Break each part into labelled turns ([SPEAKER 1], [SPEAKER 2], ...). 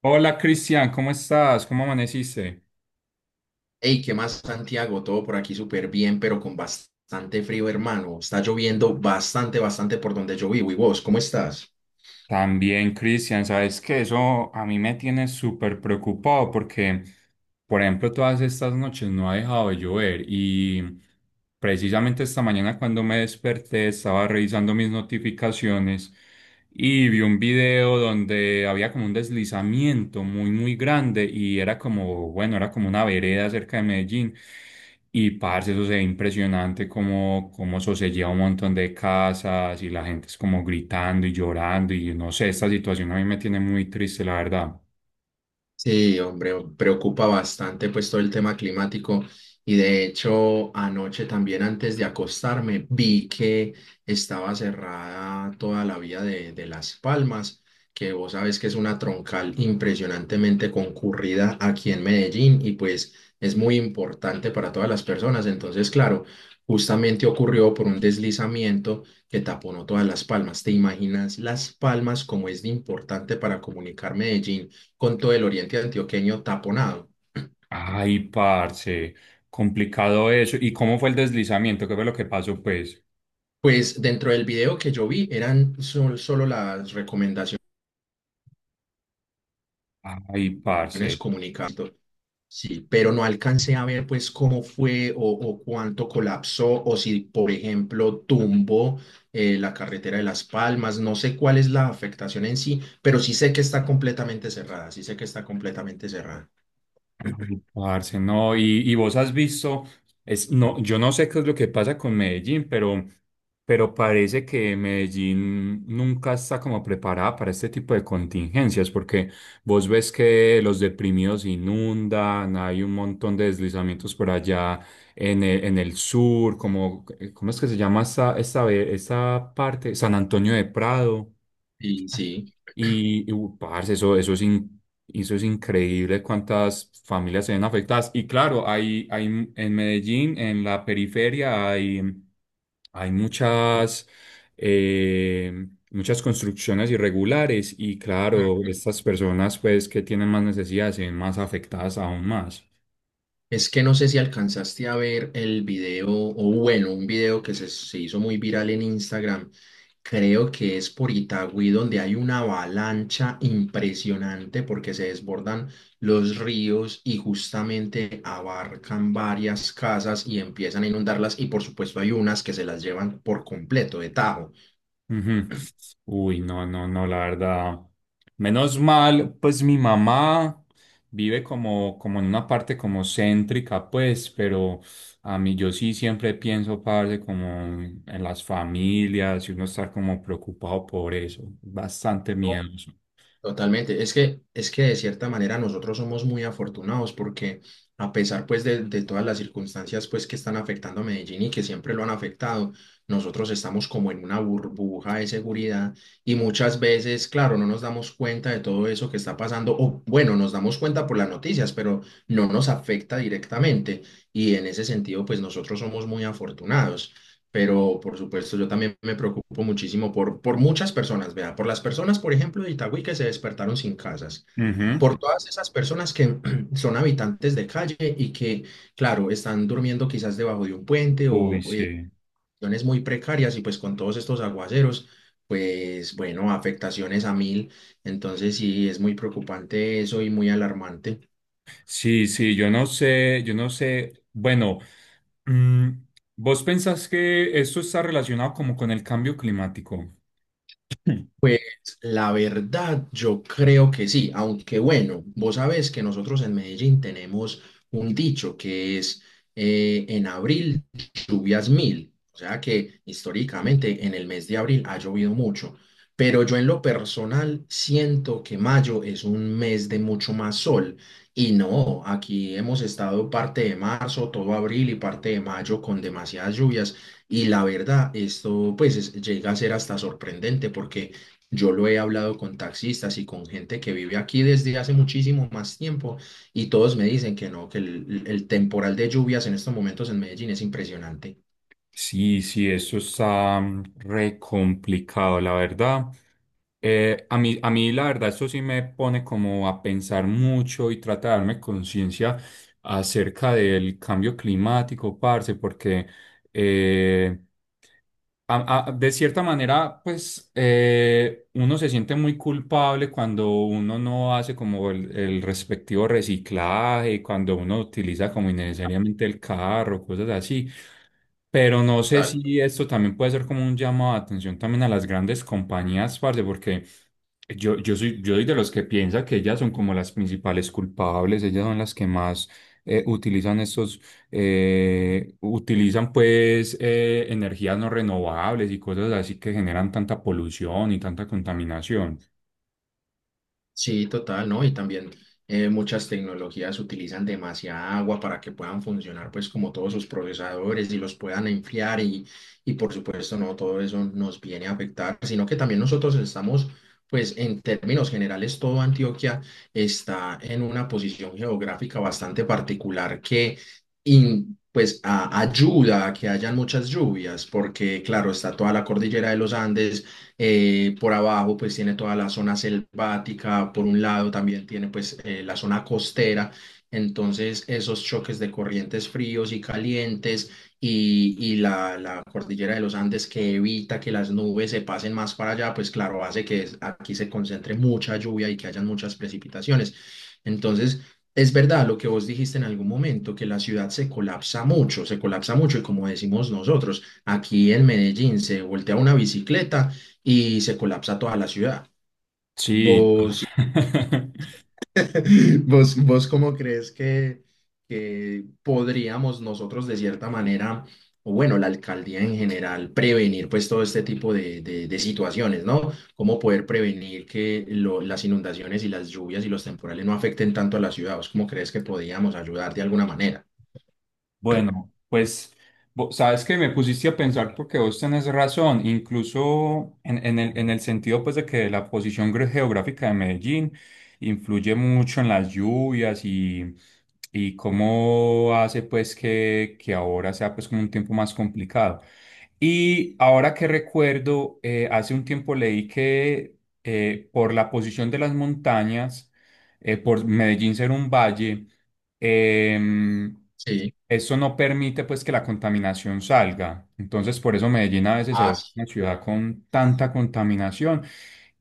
[SPEAKER 1] Hola Cristian, ¿cómo estás? ¿Cómo amaneciste?
[SPEAKER 2] Hey, ¿qué más, Santiago? Todo por aquí súper bien, pero con bastante frío, hermano. Está lloviendo bastante, bastante por donde yo vivo. ¿Y vos, cómo estás?
[SPEAKER 1] También Cristian, sabes que eso a mí me tiene súper preocupado porque. Por ejemplo, todas estas noches no ha dejado de llover y precisamente esta mañana cuando me desperté estaba revisando mis notificaciones y vi un video donde había como un deslizamiento muy muy grande y era como, bueno, era como una vereda cerca de Medellín y parce, eso se ve impresionante como, como eso se lleva un montón de casas y la gente es como gritando y llorando y no sé, esta situación a mí me tiene muy triste, la verdad.
[SPEAKER 2] Sí, hombre, preocupa bastante pues todo el tema climático y de hecho anoche también antes de acostarme vi que estaba cerrada toda la vía de Las Palmas, que vos sabes que es una troncal impresionantemente concurrida aquí en Medellín y pues es muy importante para todas las personas. Entonces, claro, justamente ocurrió por un deslizamiento que taponó todas Las Palmas. ¿Te imaginas Las Palmas como es de importante para comunicar Medellín con todo el oriente antioqueño taponado?
[SPEAKER 1] Ay, parce, complicado eso. ¿Y cómo fue el deslizamiento? ¿Qué fue lo que pasó, pues?
[SPEAKER 2] Pues dentro del video que yo vi eran solo las recomendaciones
[SPEAKER 1] Ay, parce.
[SPEAKER 2] comunicadas. Sí, pero no alcancé a ver pues cómo fue o cuánto colapsó o si, por ejemplo, tumbó la carretera de Las Palmas. No sé cuál es la afectación en sí, pero sí sé que está completamente cerrada, sí sé que está completamente cerrada.
[SPEAKER 1] Ay, Parce, no, y vos has visto, es, no, yo no sé qué es lo que pasa con Medellín, pero parece que Medellín nunca está como preparada para este tipo de contingencias, porque vos ves que los deprimidos inundan, hay un montón de deslizamientos por allá en el sur, como, ¿cómo es que se llama esta parte? San Antonio de Prado.
[SPEAKER 2] Sí, sí.
[SPEAKER 1] Parce, eso es eso es increíble cuántas familias se ven afectadas. Y claro, hay en Medellín, en la periferia, hay muchas, muchas construcciones irregulares. Y claro, estas personas pues que tienen más necesidades se ven más afectadas aún más.
[SPEAKER 2] Es que no sé si alcanzaste a ver el video, o bueno, un video que se hizo muy viral en Instagram. Creo que es por Itagüí, donde hay una avalancha impresionante porque se desbordan los ríos y justamente abarcan varias casas y empiezan a inundarlas. Y por supuesto, hay unas que se las llevan por completo de tajo.
[SPEAKER 1] Ujú. Uy, no, no, no, la verdad. Menos mal, pues mi mamá vive como, como en una parte como céntrica, pues, pero a mí yo sí siempre pienso, parce, como en las familias y uno estar como preocupado por eso. Bastante miedoso.
[SPEAKER 2] Totalmente. Es que de cierta manera nosotros somos muy afortunados porque a pesar pues de todas las circunstancias pues que están afectando a Medellín y que siempre lo han afectado, nosotros estamos como en una burbuja de seguridad y muchas veces, claro, no nos damos cuenta de todo eso que está pasando o bueno, nos damos cuenta por las noticias, pero no nos afecta directamente y en ese sentido pues nosotros somos muy afortunados, pero por supuesto yo también me preocupo muchísimo por muchas personas, vea, por las personas, por ejemplo, de Itagüí que se despertaron sin casas,
[SPEAKER 1] Ujú.
[SPEAKER 2] por todas esas personas que son habitantes de calle y que, claro, están durmiendo quizás debajo de un puente
[SPEAKER 1] Uy,
[SPEAKER 2] o
[SPEAKER 1] sí.
[SPEAKER 2] condiciones muy precarias y pues con todos estos aguaceros, pues bueno, afectaciones a mil, entonces sí, es muy preocupante eso y muy alarmante.
[SPEAKER 1] Sí, sí, yo no sé, yo no sé. Bueno, mm, ¿vos pensás que esto está relacionado como con el cambio climático?
[SPEAKER 2] Pues la verdad, yo creo que sí, aunque bueno, vos sabés que nosotros en Medellín tenemos un dicho que es en abril lluvias mil, o sea que históricamente en el mes de abril ha llovido mucho, pero yo en lo personal siento que mayo es un mes de mucho más sol y no, aquí hemos estado parte de marzo, todo abril y parte de mayo con demasiadas lluvias y la verdad, esto pues llega a ser hasta sorprendente porque... Yo lo he hablado con taxistas y con gente que vive aquí desde hace muchísimo más tiempo y todos me dicen que no, que el temporal de lluvias en estos momentos en Medellín es impresionante.
[SPEAKER 1] Sí, sí, eso está re complicado, la verdad. A mí, la verdad, eso sí me pone como a pensar mucho y tratarme conciencia acerca del cambio climático, parce, porque eh, de cierta manera, pues uno se siente muy culpable cuando uno no hace como el respectivo reciclaje, cuando uno utiliza como innecesariamente el carro, cosas así. Pero no sé si esto también puede ser como un llamado de atención también a las grandes compañías, parce, porque yo soy de los que piensa que ellas son como las principales culpables, ellas son las que más eh, utilizan estos, utilizan pues energías no renovables y cosas así que generan tanta polución y tanta contaminación.
[SPEAKER 2] Sí, total, ¿no? Y también muchas tecnologías utilizan demasiada agua para que puedan funcionar, pues, como todos sus procesadores y los puedan enfriar y por supuesto, no todo eso nos viene a afectar, sino que también nosotros estamos, pues, en términos generales, todo Antioquia está en una posición geográfica bastante particular que, pues, ayuda a que hayan muchas lluvias, porque, claro, está toda la cordillera de los Andes, por abajo pues tiene toda la zona selvática, por un lado también tiene pues la zona costera. Entonces esos choques de corrientes fríos y calientes y la cordillera de los Andes que evita que las nubes se pasen más para allá, pues claro, hace que aquí se concentre mucha lluvia y que hayan muchas precipitaciones. Entonces... Es verdad lo que vos dijiste en algún momento, que la ciudad se colapsa mucho y como decimos nosotros, aquí en Medellín se voltea una bicicleta y se colapsa toda la ciudad.
[SPEAKER 1] Sí.
[SPEAKER 2] ¿Vos, vos, vos cómo crees que podríamos nosotros de cierta manera, o bueno, la alcaldía en general, prevenir pues todo este tipo de, de situaciones, no? ¿Cómo poder prevenir que las inundaciones y las lluvias y los temporales no afecten tanto a la ciudad? ¿Vos cómo crees que podríamos ayudar de alguna manera?
[SPEAKER 1] Bueno, pues sabes que me pusiste a pensar porque vos tenés razón, incluso en, en el sentido pues de que la posición geográfica de Medellín influye mucho en las lluvias y cómo hace pues que ahora sea pues como un tiempo más complicado. Y ahora que recuerdo, hace un tiempo leí que por la posición de las montañas, por Medellín ser un valle, em,
[SPEAKER 2] Sí,
[SPEAKER 1] eso no permite pues que la contaminación salga. Entonces, por eso Medellín a veces se
[SPEAKER 2] ah,
[SPEAKER 1] vuelve
[SPEAKER 2] sí,
[SPEAKER 1] una ciudad con tanta contaminación.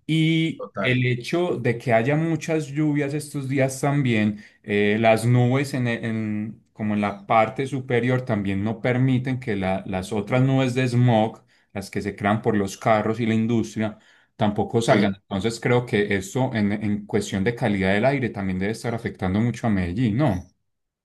[SPEAKER 1] Y
[SPEAKER 2] total.
[SPEAKER 1] el hecho de que haya muchas lluvias estos días también, las nubes en, como en la parte superior también no permiten que las otras nubes de smog, las que se crean por los carros y la industria, tampoco salgan.
[SPEAKER 2] Sí.
[SPEAKER 1] Entonces creo que eso en cuestión de calidad del aire también debe estar afectando mucho a Medellín, ¿no?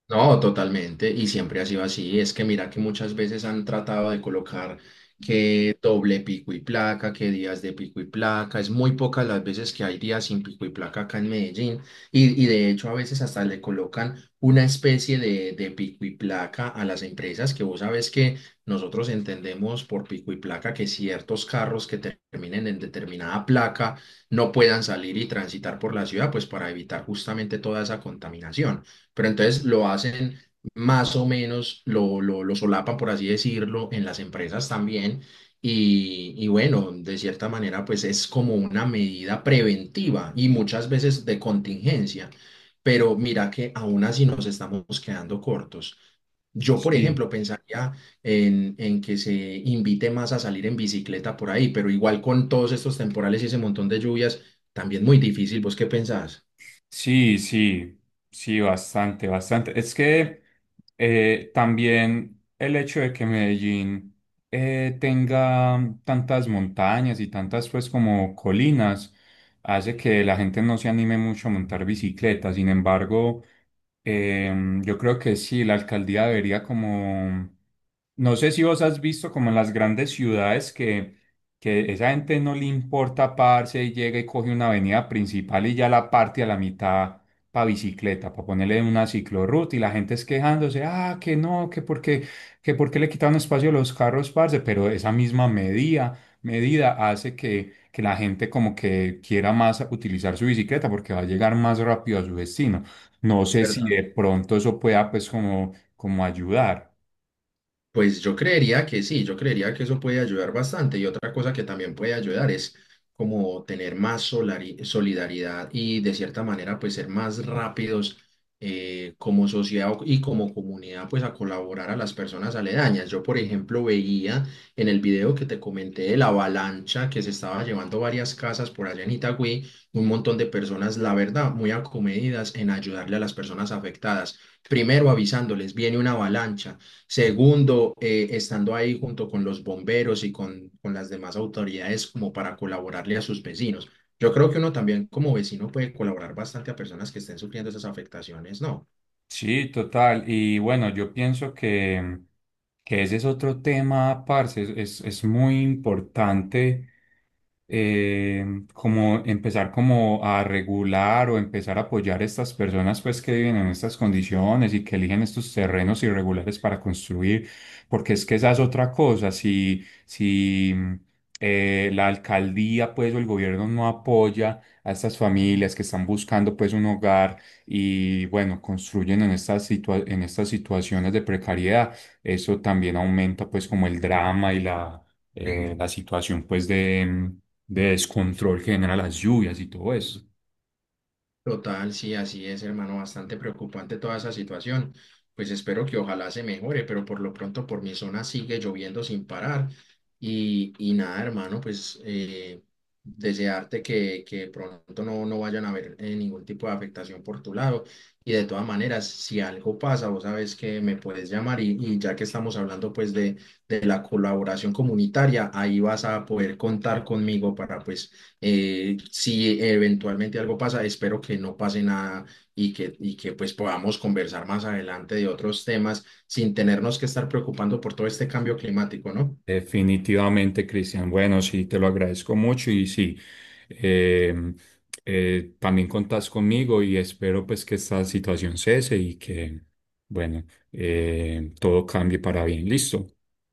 [SPEAKER 2] No, totalmente, y siempre ha sido así. Es que mira que muchas veces han tratado de colocar que doble pico y placa, que días de pico y placa. Es muy pocas las veces que hay días sin pico y placa acá en Medellín. Y de hecho a veces hasta le colocan una especie de pico y placa a las empresas, que vos sabes que nosotros entendemos por pico y placa que ciertos carros que terminen en determinada placa no puedan salir y transitar por la ciudad, pues para evitar justamente toda esa contaminación, pero entonces lo hacen más o menos, lo solapan, por así decirlo, en las empresas también. Y bueno, de cierta manera, pues es como una medida preventiva y muchas veces de contingencia. Pero mira que aún así nos estamos quedando cortos. Yo, por
[SPEAKER 1] Sí.
[SPEAKER 2] ejemplo, pensaría en que se invite más a salir en bicicleta por ahí, pero igual con todos estos temporales y ese montón de lluvias, también muy difícil. ¿Vos qué pensás?
[SPEAKER 1] Sí, sí, sí, bastante, bastante. Es que también el hecho de que Medellín tenga tantas montañas y tantas pues como colinas hace que la gente no se anime mucho a montar bicicleta. Sin embargo, yo creo que sí, la alcaldía debería como, no sé si vos has visto como en las grandes ciudades que esa gente no le importa parse y llega y coge una avenida principal y ya la parte a la mitad para bicicleta, para ponerle una ciclorruta y la gente es quejándose, ah, que no, que porque le quitaron espacio a los carros, parce, pero esa misma medida, medida hace que la gente como que quiera más utilizar su bicicleta porque va a llegar más rápido a su destino. No
[SPEAKER 2] Es
[SPEAKER 1] sé si
[SPEAKER 2] verdad.
[SPEAKER 1] de pronto eso pueda pues como, como ayudar.
[SPEAKER 2] Pues yo creería que sí, yo creería que eso puede ayudar bastante. Y otra cosa que también puede ayudar es como tener más solidaridad y de cierta manera pues ser más rápidos como sociedad y como comunidad pues a colaborar a las personas aledañas. Yo por ejemplo veía en el video que te comenté de la avalancha que se estaba llevando varias casas por allá en Itagüí, un montón de personas, la verdad, muy acomedidas en ayudarle a las personas afectadas. Primero avisándoles, viene una avalancha. Segundo, estando ahí junto con los bomberos y con las demás autoridades como para colaborarle a sus vecinos. Yo creo que uno también como vecino puede colaborar bastante a personas que estén sufriendo esas afectaciones, ¿no?
[SPEAKER 1] Sí, total. Y bueno, yo pienso que ese es otro tema, parce. Es, es muy importante eh, como empezar como a regular o empezar a apoyar a estas personas pues que viven en estas condiciones y que eligen estos terrenos irregulares para construir, porque es que esa es otra cosa, si, la alcaldía pues o el gobierno no apoya a estas familias que están buscando pues un hogar y bueno, construyen en en estas situaciones de precariedad, eso también aumenta pues como el drama y la situación pues de descontrol que generan las lluvias y todo eso.
[SPEAKER 2] Total, sí, así es, hermano, bastante preocupante toda esa situación. Pues espero que ojalá se mejore, pero por lo pronto por mi zona sigue lloviendo sin parar. Y nada, hermano, pues desearte que pronto no, no vayan a haber ningún tipo de afectación por tu lado. Y de todas maneras, si algo pasa, vos sabes que me puedes llamar y ya que estamos hablando pues de la colaboración comunitaria, ahí vas a poder contar conmigo para pues si eventualmente algo pasa, espero que no pase nada y que, y que pues podamos conversar más adelante de otros temas sin tenernos que estar preocupando por todo este cambio climático, ¿no?
[SPEAKER 1] Definitivamente, Cristian. Bueno, sí, te lo agradezco mucho y sí, eh, también contás conmigo y espero pues que esta situación cese y que, bueno, todo cambie para bien. Listo.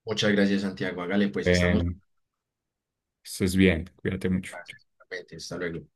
[SPEAKER 2] Muchas gracias, Santiago. Hágale, pues estamos.
[SPEAKER 1] Eh, estés bien, cuídate mucho.
[SPEAKER 2] Gracias, igualmente. Hasta luego.